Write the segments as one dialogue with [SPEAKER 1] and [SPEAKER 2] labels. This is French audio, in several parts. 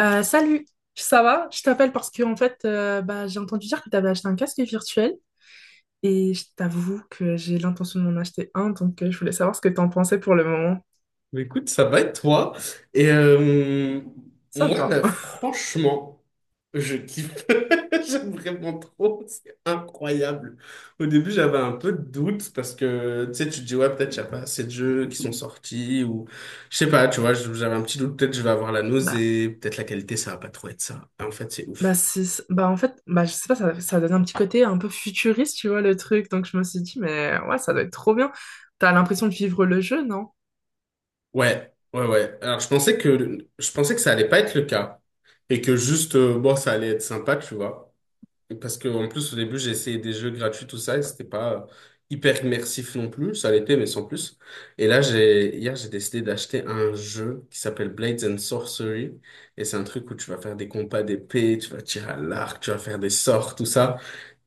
[SPEAKER 1] Salut, ça va? Je t'appelle parce que en fait, bah, j'ai entendu dire que tu avais acheté un casque virtuel et je t'avoue que j'ai l'intention d'en acheter un, donc je voulais savoir ce que tu en pensais pour le moment.
[SPEAKER 2] Bah, Écoute, ça va être toi. Et
[SPEAKER 1] Ça
[SPEAKER 2] moi,
[SPEAKER 1] va.
[SPEAKER 2] là, franchement, je kiffe. J'aime vraiment trop. C'est incroyable. Au début, j'avais un peu de doute parce que, tu sais, tu te dis, ouais, peut-être qu'il n'y a pas assez de jeux qui sont sortis ou je sais pas, tu vois, j'avais un petit doute. Peut-être je vais avoir la
[SPEAKER 1] Bah,
[SPEAKER 2] nausée. Peut-être la qualité, ça va pas trop être ça. Et en fait, c'est
[SPEAKER 1] bah,
[SPEAKER 2] ouf.
[SPEAKER 1] c'est, je sais pas, ça donne un petit côté un peu futuriste, tu vois, le truc, donc je me suis dit, mais ouais, ça doit être trop bien. T'as l'impression de vivre le jeu, non?
[SPEAKER 2] Ouais, ouais, ouais. Alors, je pensais que ça allait pas être le cas et que juste, bon, ça allait être sympa, tu vois. Parce que en plus, au début, j'ai essayé des jeux gratuits, tout ça, et c'était pas hyper immersif non plus. Ça l'était, mais sans plus. Et là, j'ai décidé d'acheter un jeu qui s'appelle Blades and Sorcery. Et c'est un truc où tu vas faire des combats d'épée, tu vas tirer à l'arc, tu vas faire des sorts, tout ça.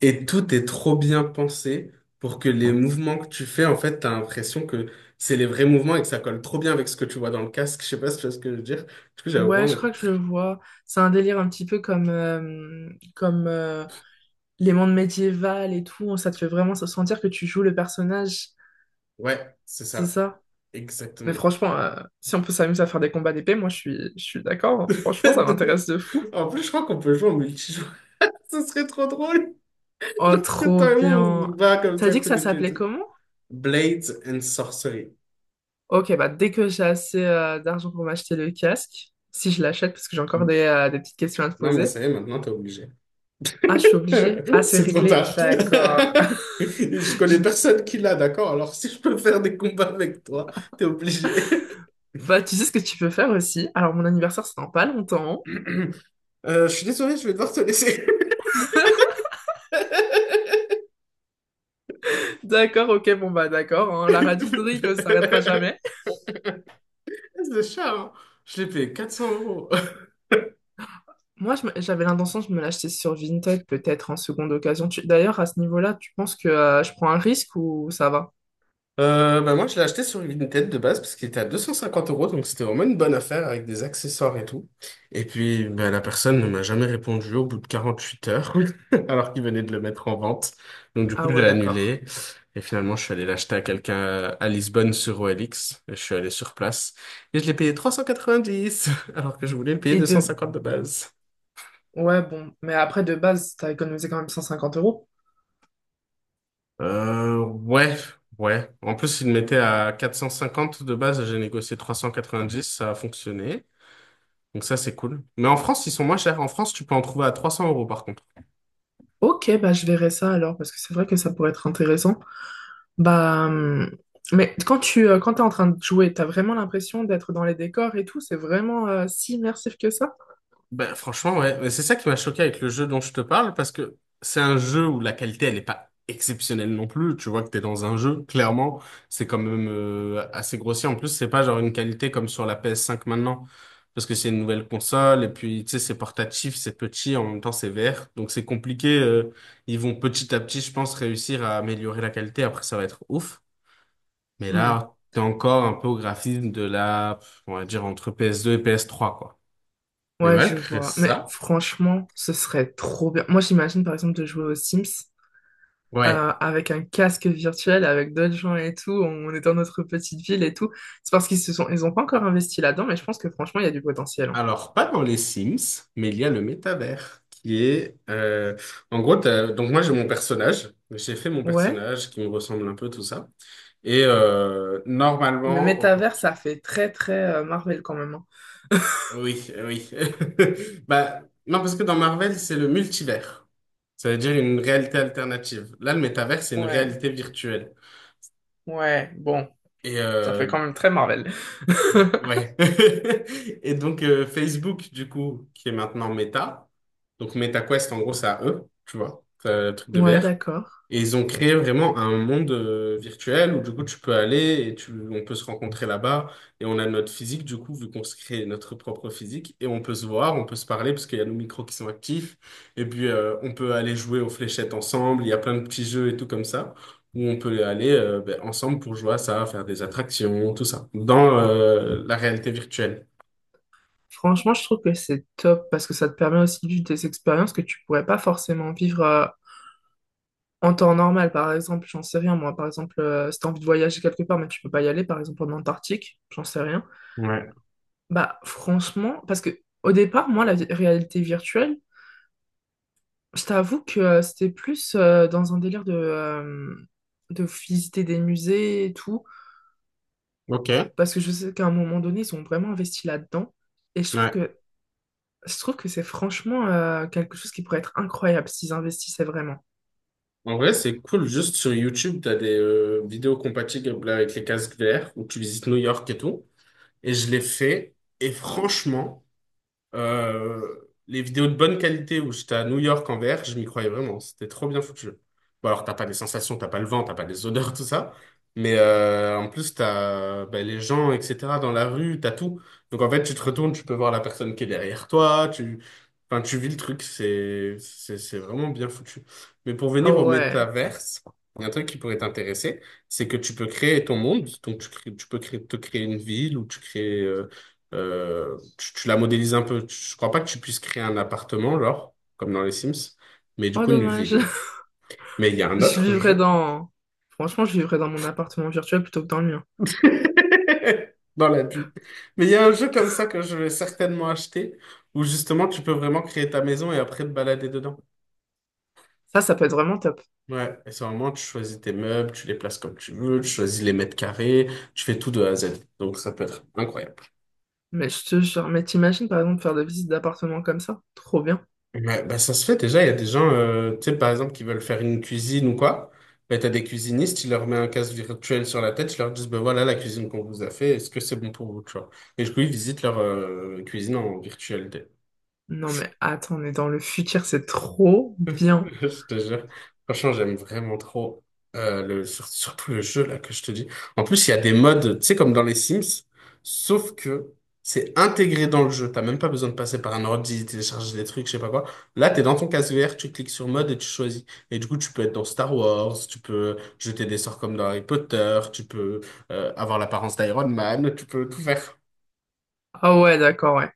[SPEAKER 2] Et tout est trop bien pensé pour que les mouvements que tu fais, en fait, t'as l'impression que c'est les vrais mouvements et que ça colle trop bien avec ce que tu vois dans le casque. Je sais pas si tu vois ce que je veux dire. Du coup, j'avais
[SPEAKER 1] Ouais, je
[SPEAKER 2] vraiment...
[SPEAKER 1] crois que je le vois. C'est un délire un petit peu comme, euh, les mondes médiévaux et tout, ça te fait vraiment sentir que tu joues le personnage.
[SPEAKER 2] Ouais, c'est
[SPEAKER 1] C'est
[SPEAKER 2] ça.
[SPEAKER 1] ça. Mais
[SPEAKER 2] Exactement.
[SPEAKER 1] franchement, si on peut s'amuser à faire des combats d'épée, moi je suis d'accord, hein. Franchement, ça m'intéresse de fou.
[SPEAKER 2] En plus, je crois qu'on peut jouer en multijoueur. Ce serait trop drôle.
[SPEAKER 1] Oh,
[SPEAKER 2] Que
[SPEAKER 1] trop
[SPEAKER 2] toi et moi, on se
[SPEAKER 1] bien.
[SPEAKER 2] bat comme
[SPEAKER 1] T'as
[SPEAKER 2] ça,
[SPEAKER 1] dit que
[SPEAKER 2] coup
[SPEAKER 1] ça
[SPEAKER 2] de pète.
[SPEAKER 1] s'appelait comment?
[SPEAKER 2] Blades and Sorcery.
[SPEAKER 1] Ok, bah dès que j'ai assez d'argent pour m'acheter le casque, si je l'achète, parce que j'ai encore des petites questions à te
[SPEAKER 2] Non, mais
[SPEAKER 1] poser.
[SPEAKER 2] ça y est, maintenant, t'es obligé.
[SPEAKER 1] Ah, je suis obligée. Ah, c'est
[SPEAKER 2] C'est trop
[SPEAKER 1] réglé.
[SPEAKER 2] tard.
[SPEAKER 1] D'accord.
[SPEAKER 2] Je
[SPEAKER 1] Je-
[SPEAKER 2] connais personne qui l'a, d'accord? Alors, si je peux faire des combats avec toi, t'es obligé.
[SPEAKER 1] Bah, tu sais ce que tu peux faire aussi. Alors, mon anniversaire, c'est dans pas longtemps.
[SPEAKER 2] Je suis désolé, je vais devoir te laisser.
[SPEAKER 1] D'accord, ok, bon, bah, d'accord, hein. La radinerie ne s'arrêtera jamais.
[SPEAKER 2] Ce chat, hein, je l'ai payé 400 euros.
[SPEAKER 1] Moi, j'avais l'intention de me l'acheter sur Vinted, peut-être en seconde occasion. D'ailleurs, à ce niveau-là, tu penses que je prends un risque ou ça va?
[SPEAKER 2] Bah moi, je l'ai acheté sur Vinted de base parce qu'il était à 250 euros, donc c'était vraiment une bonne affaire avec des accessoires et tout. Et puis, bah, la personne ne m'a jamais répondu au bout de 48 heures, alors qu'il venait de le mettre en vente. Donc du coup,
[SPEAKER 1] Ah
[SPEAKER 2] je l'ai
[SPEAKER 1] ouais, d'accord.
[SPEAKER 2] annulé. Et finalement, je suis allé l'acheter à quelqu'un à Lisbonne sur OLX. Et je suis allé sur place et je l'ai payé 390, alors que je voulais le payer
[SPEAKER 1] Et de...
[SPEAKER 2] 250 de base.
[SPEAKER 1] Ouais, bon. Mais après, de base, t'as économisé quand même 150 euros.
[SPEAKER 2] Ouais, ouais. En plus, il mettait à 450 de base, j'ai négocié 390, ça a fonctionné. Donc ça, c'est cool. Mais en France, ils sont moins chers. En France, tu peux en trouver à 300 euros par contre.
[SPEAKER 1] Ok, bah je verrai ça alors, parce que c'est vrai que ça pourrait être intéressant. Bah... hum, Mais quand tu quand t'es en train de jouer, t'as vraiment l'impression d'être dans les décors et tout, c'est vraiment si immersif que ça?
[SPEAKER 2] Ben, franchement, ouais. Mais c'est ça qui m'a choqué avec le jeu dont je te parle, parce que c'est un jeu où la qualité, elle n'est pas exceptionnelle non plus. Tu vois que t'es dans un jeu, clairement, c'est quand même assez grossier. En plus, c'est pas genre une qualité comme sur la PS5 maintenant, parce que c'est une nouvelle console, et puis, tu sais, c'est portatif, c'est petit, en même temps, c'est vert. Donc c'est compliqué. Ils vont petit à petit, je pense, réussir à améliorer la qualité. Après, ça va être ouf. Mais
[SPEAKER 1] Hmm.
[SPEAKER 2] là, t'es encore un peu au graphisme de la, on va dire, entre PS2 et PS3, quoi. Mais
[SPEAKER 1] Ouais, je
[SPEAKER 2] malgré
[SPEAKER 1] vois. Mais
[SPEAKER 2] ça,
[SPEAKER 1] franchement, ce serait trop bien. Moi, j'imagine par exemple de jouer aux Sims
[SPEAKER 2] ouais.
[SPEAKER 1] euh, avec un casque virtuel, avec d'autres gens et tout. On est dans notre petite ville et tout. C'est parce qu'ils se sont, ils ont pas encore investi là-dedans, mais je pense que franchement, il y a du potentiel, hein.
[SPEAKER 2] Alors, pas dans les Sims, mais il y a le métavers, qui est... En gros, donc moi, j'ai mon personnage. J'ai fait mon
[SPEAKER 1] Ouais,
[SPEAKER 2] personnage qui me ressemble un peu, tout ça. Et
[SPEAKER 1] le
[SPEAKER 2] normalement... Oh,
[SPEAKER 1] métavers, ça fait très très Marvel quand même, hein.
[SPEAKER 2] oui, oui. Bah, non, parce que dans Marvel, c'est le multivers. Ça veut dire une réalité alternative. Là, le métavers, c'est une
[SPEAKER 1] Ouais,
[SPEAKER 2] réalité virtuelle.
[SPEAKER 1] ouais. Bon.
[SPEAKER 2] Et
[SPEAKER 1] Ça fait
[SPEAKER 2] euh,
[SPEAKER 1] quand même très Marvel.
[SPEAKER 2] Ouais. Et donc Facebook, du coup, qui est maintenant Meta. Donc MetaQuest, en gros, c'est à eux, tu vois, c'est le truc de
[SPEAKER 1] Ouais,
[SPEAKER 2] VR.
[SPEAKER 1] d'accord.
[SPEAKER 2] Et ils ont créé vraiment un monde virtuel où du coup tu peux aller et on peut se rencontrer là-bas et on a notre physique du coup vu qu'on se crée notre propre physique et on peut se voir, on peut se parler parce qu'il y a nos micros qui sont actifs et puis on peut aller jouer aux fléchettes ensemble, il y a plein de petits jeux et tout comme ça où on peut aller ben, ensemble pour jouer à ça, faire des attractions, tout ça dans la réalité virtuelle.
[SPEAKER 1] Franchement, je trouve que c'est top parce que ça te permet aussi de vivre des expériences que tu pourrais pas forcément vivre en temps normal. Par exemple, j'en sais rien, moi, par exemple, si t'as envie de voyager quelque part, mais tu peux pas y aller, par exemple, en Antarctique, j'en sais rien.
[SPEAKER 2] Ouais,
[SPEAKER 1] Bah, franchement, parce que au départ, moi, réalité virtuelle, je t'avoue que c'était plus dans un délire de visiter des musées et tout,
[SPEAKER 2] ok,
[SPEAKER 1] parce que je sais qu'à un moment donné, ils ont vraiment investi là-dedans. Et je
[SPEAKER 2] ouais.
[SPEAKER 1] trouve que je trouve que c'est franchement quelque chose qui pourrait être incroyable s'ils investissaient vraiment.
[SPEAKER 2] En vrai, c'est cool. Juste sur YouTube, tu as des vidéos compatibles avec les casques VR où tu visites New York et tout. Et je l'ai fait. Et franchement, les vidéos de bonne qualité où j'étais à New York en VR, je m'y croyais vraiment. C'était trop bien foutu. Bon, alors, t'as pas les sensations, t'as pas le vent, t'as pas les odeurs, tout ça. Mais en plus, t'as ben, les gens, etc. dans la rue, t'as tout. Donc, en fait, tu te retournes, tu peux voir la personne qui est derrière toi. Enfin, tu vis le truc. C'est vraiment bien foutu. Mais pour
[SPEAKER 1] Ah
[SPEAKER 2] venir au
[SPEAKER 1] ouais.
[SPEAKER 2] métaverse, il y a un truc qui pourrait t'intéresser, c'est que tu peux créer ton monde. Donc, tu peux créer, te créer une ville ou tu crées. Tu la modélises un peu. Je crois pas que tu puisses créer un appartement, genre, comme dans les Sims, mais du
[SPEAKER 1] Oh
[SPEAKER 2] coup, une
[SPEAKER 1] dommage.
[SPEAKER 2] ville. Mais il y a un
[SPEAKER 1] Je
[SPEAKER 2] autre
[SPEAKER 1] vivrais
[SPEAKER 2] jeu.
[SPEAKER 1] dans... Franchement, je vivrais dans mon appartement virtuel plutôt que dans le mien.
[SPEAKER 2] Dans la bulle. Mais il y a un jeu comme ça que je vais certainement acheter, où justement, tu peux vraiment créer ta maison et après te balader dedans.
[SPEAKER 1] Ça peut être vraiment top.
[SPEAKER 2] Ouais, et c'est vraiment, tu choisis tes meubles, tu les places comme tu veux, tu choisis les mètres carrés, tu fais tout de A à Z. Donc, ça peut être incroyable.
[SPEAKER 1] Mais je te jure, mais t'imagines par exemple faire des visites d'appartements comme ça? Trop bien.
[SPEAKER 2] Ouais, bah ça se fait déjà, il y a des gens, tu sais, par exemple, qui veulent faire une cuisine ou quoi, bah, t'as des cuisinistes, ils leur mettent un casque virtuel sur la tête, ils leur disent, ben voilà la cuisine qu'on vous a fait, est-ce que c'est bon pour vous, tu vois. Et du coup, ils visitent leur cuisine en virtuel.
[SPEAKER 1] Non mais attends, on est dans le futur, c'est trop bien.
[SPEAKER 2] Je te jure. Franchement, j'aime vraiment trop surtout le jeu là que je te dis. En plus, il y a des modes, tu sais, comme dans les Sims, sauf que c'est intégré dans le jeu. T'as même pas besoin de passer par un ordi, télécharger des trucs, je sais pas quoi. Là, t'es dans ton casque vert, tu cliques sur mode et tu choisis. Et du coup, tu peux être dans Star Wars, tu peux jeter des sorts comme dans Harry Potter, tu peux avoir l'apparence d'Iron Man, tu peux tout faire.
[SPEAKER 1] Ah ouais, d'accord, ouais.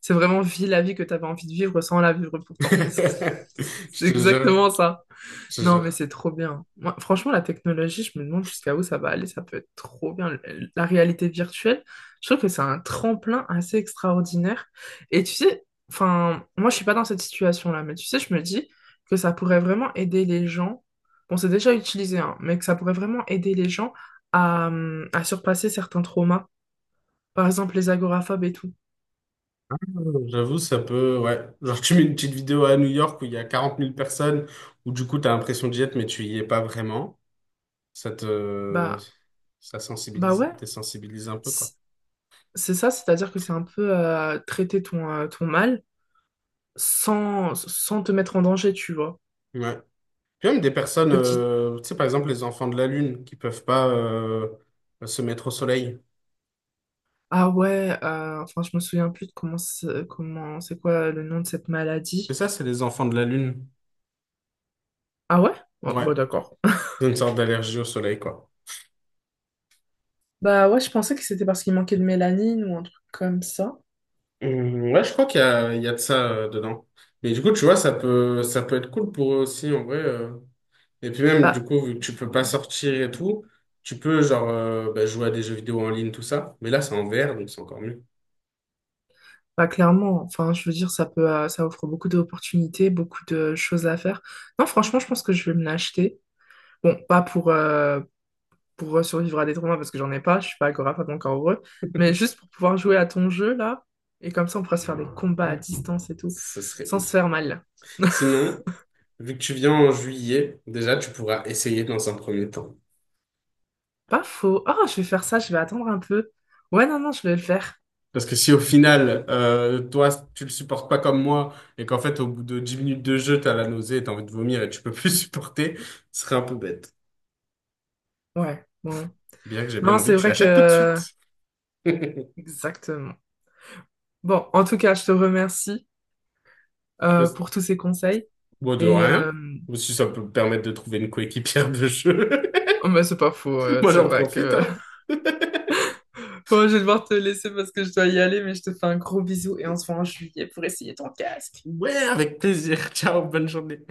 [SPEAKER 1] C'est vraiment vie la vie que t'avais envie de vivre sans la vivre pourtant.
[SPEAKER 2] Je
[SPEAKER 1] C'est
[SPEAKER 2] te jure,
[SPEAKER 1] exactement ça.
[SPEAKER 2] je te
[SPEAKER 1] Non, mais
[SPEAKER 2] jure.
[SPEAKER 1] c'est trop bien. Moi, franchement, la technologie, je me demande jusqu'à où ça va aller. Ça peut être trop bien. La réalité virtuelle, je trouve que c'est un tremplin assez extraordinaire. Et tu sais, enfin, moi, je suis pas dans cette situation-là, mais tu sais, je me dis que ça pourrait vraiment aider les gens. Bon, c'est déjà utilisé, hein, mais que ça pourrait vraiment aider les gens à surpasser certains traumas. Par exemple, les agoraphobes et tout.
[SPEAKER 2] J'avoue, ça peut, ouais. Genre, tu mets une petite vidéo à New York où il y a 40 000 personnes, où du coup, t'as l'impression d'y être, mais tu y es pas vraiment. Ça te,
[SPEAKER 1] Bah,
[SPEAKER 2] Ça
[SPEAKER 1] bah
[SPEAKER 2] sensibilise,
[SPEAKER 1] ouais,
[SPEAKER 2] t'es sensibilisé un peu, quoi.
[SPEAKER 1] c'est c'est ça, c'est-à-dire que c'est un peu traiter ton mal sans te mettre en danger, tu vois.
[SPEAKER 2] Ouais. Puis même des personnes,
[SPEAKER 1] Petite.
[SPEAKER 2] tu sais, par exemple, les enfants de la Lune qui peuvent pas, se mettre au soleil.
[SPEAKER 1] Ah ouais, enfin, je me souviens plus de comment c'est quoi le nom de cette
[SPEAKER 2] Et
[SPEAKER 1] maladie.
[SPEAKER 2] ça, c'est les enfants de la Lune.
[SPEAKER 1] Ah ouais? Bon,
[SPEAKER 2] Ouais.
[SPEAKER 1] bon, d'accord.
[SPEAKER 2] C'est une sorte d'allergie au soleil, quoi.
[SPEAKER 1] Bah ouais, je pensais que c'était parce qu'il manquait de mélanine ou un truc comme ça.
[SPEAKER 2] Ouais, je crois qu'il y a, de ça, dedans. Mais du coup, tu vois, ça peut être cool pour eux aussi, en vrai. Et puis même, du
[SPEAKER 1] Bah,
[SPEAKER 2] coup, vu que tu peux pas sortir et tout, tu peux genre bah, jouer à des jeux vidéo en ligne, tout ça. Mais là, c'est en VR, donc c'est encore mieux.
[SPEAKER 1] bah clairement, enfin, je veux dire, ça offre beaucoup d'opportunités, beaucoup de choses à faire. Non, franchement, je pense que je vais me l'acheter. Bon, pas pour survivre à des tournois parce que j'en ai pas, je suis pas agoraphobe encore heureux, mais juste pour pouvoir jouer à ton jeu là, et comme ça on pourra se faire des combats à distance et tout,
[SPEAKER 2] Ce serait
[SPEAKER 1] sans se
[SPEAKER 2] ouf.
[SPEAKER 1] faire mal.
[SPEAKER 2] Sinon, vu que tu viens en juillet, déjà, tu pourras essayer dans un premier temps.
[SPEAKER 1] Pas faux. Ah, je vais faire ça, je vais attendre un peu. Ouais, non, non, je vais le faire.
[SPEAKER 2] Parce que si au final, toi, tu le supportes pas comme moi, et qu'en fait, au bout de 10 minutes de jeu, t'as la nausée et t'as envie de vomir et tu peux plus supporter, ce serait un peu bête.
[SPEAKER 1] Ouais, bon.
[SPEAKER 2] Bien que j'ai bien
[SPEAKER 1] Non,
[SPEAKER 2] envie
[SPEAKER 1] c'est
[SPEAKER 2] que tu
[SPEAKER 1] vrai
[SPEAKER 2] l'achètes tout de
[SPEAKER 1] que...
[SPEAKER 2] suite.
[SPEAKER 1] Exactement. Bon, en tout cas, je te remercie
[SPEAKER 2] Parce-
[SPEAKER 1] pour tous ces conseils.
[SPEAKER 2] Bon, de
[SPEAKER 1] Et
[SPEAKER 2] rien.
[SPEAKER 1] euh...
[SPEAKER 2] Ou si ça peut me permettre de trouver une coéquipière de jeu.
[SPEAKER 1] oh, bah, c'est pas faux,
[SPEAKER 2] Moi,
[SPEAKER 1] c'est
[SPEAKER 2] j'en
[SPEAKER 1] vrai
[SPEAKER 2] profite,
[SPEAKER 1] que...
[SPEAKER 2] hein.
[SPEAKER 1] Bon, je vais devoir te laisser parce que je dois y aller, mais je te fais un gros bisou et on se voit en juillet pour essayer ton casque.
[SPEAKER 2] Ouais, avec plaisir. Ciao, bonne journée.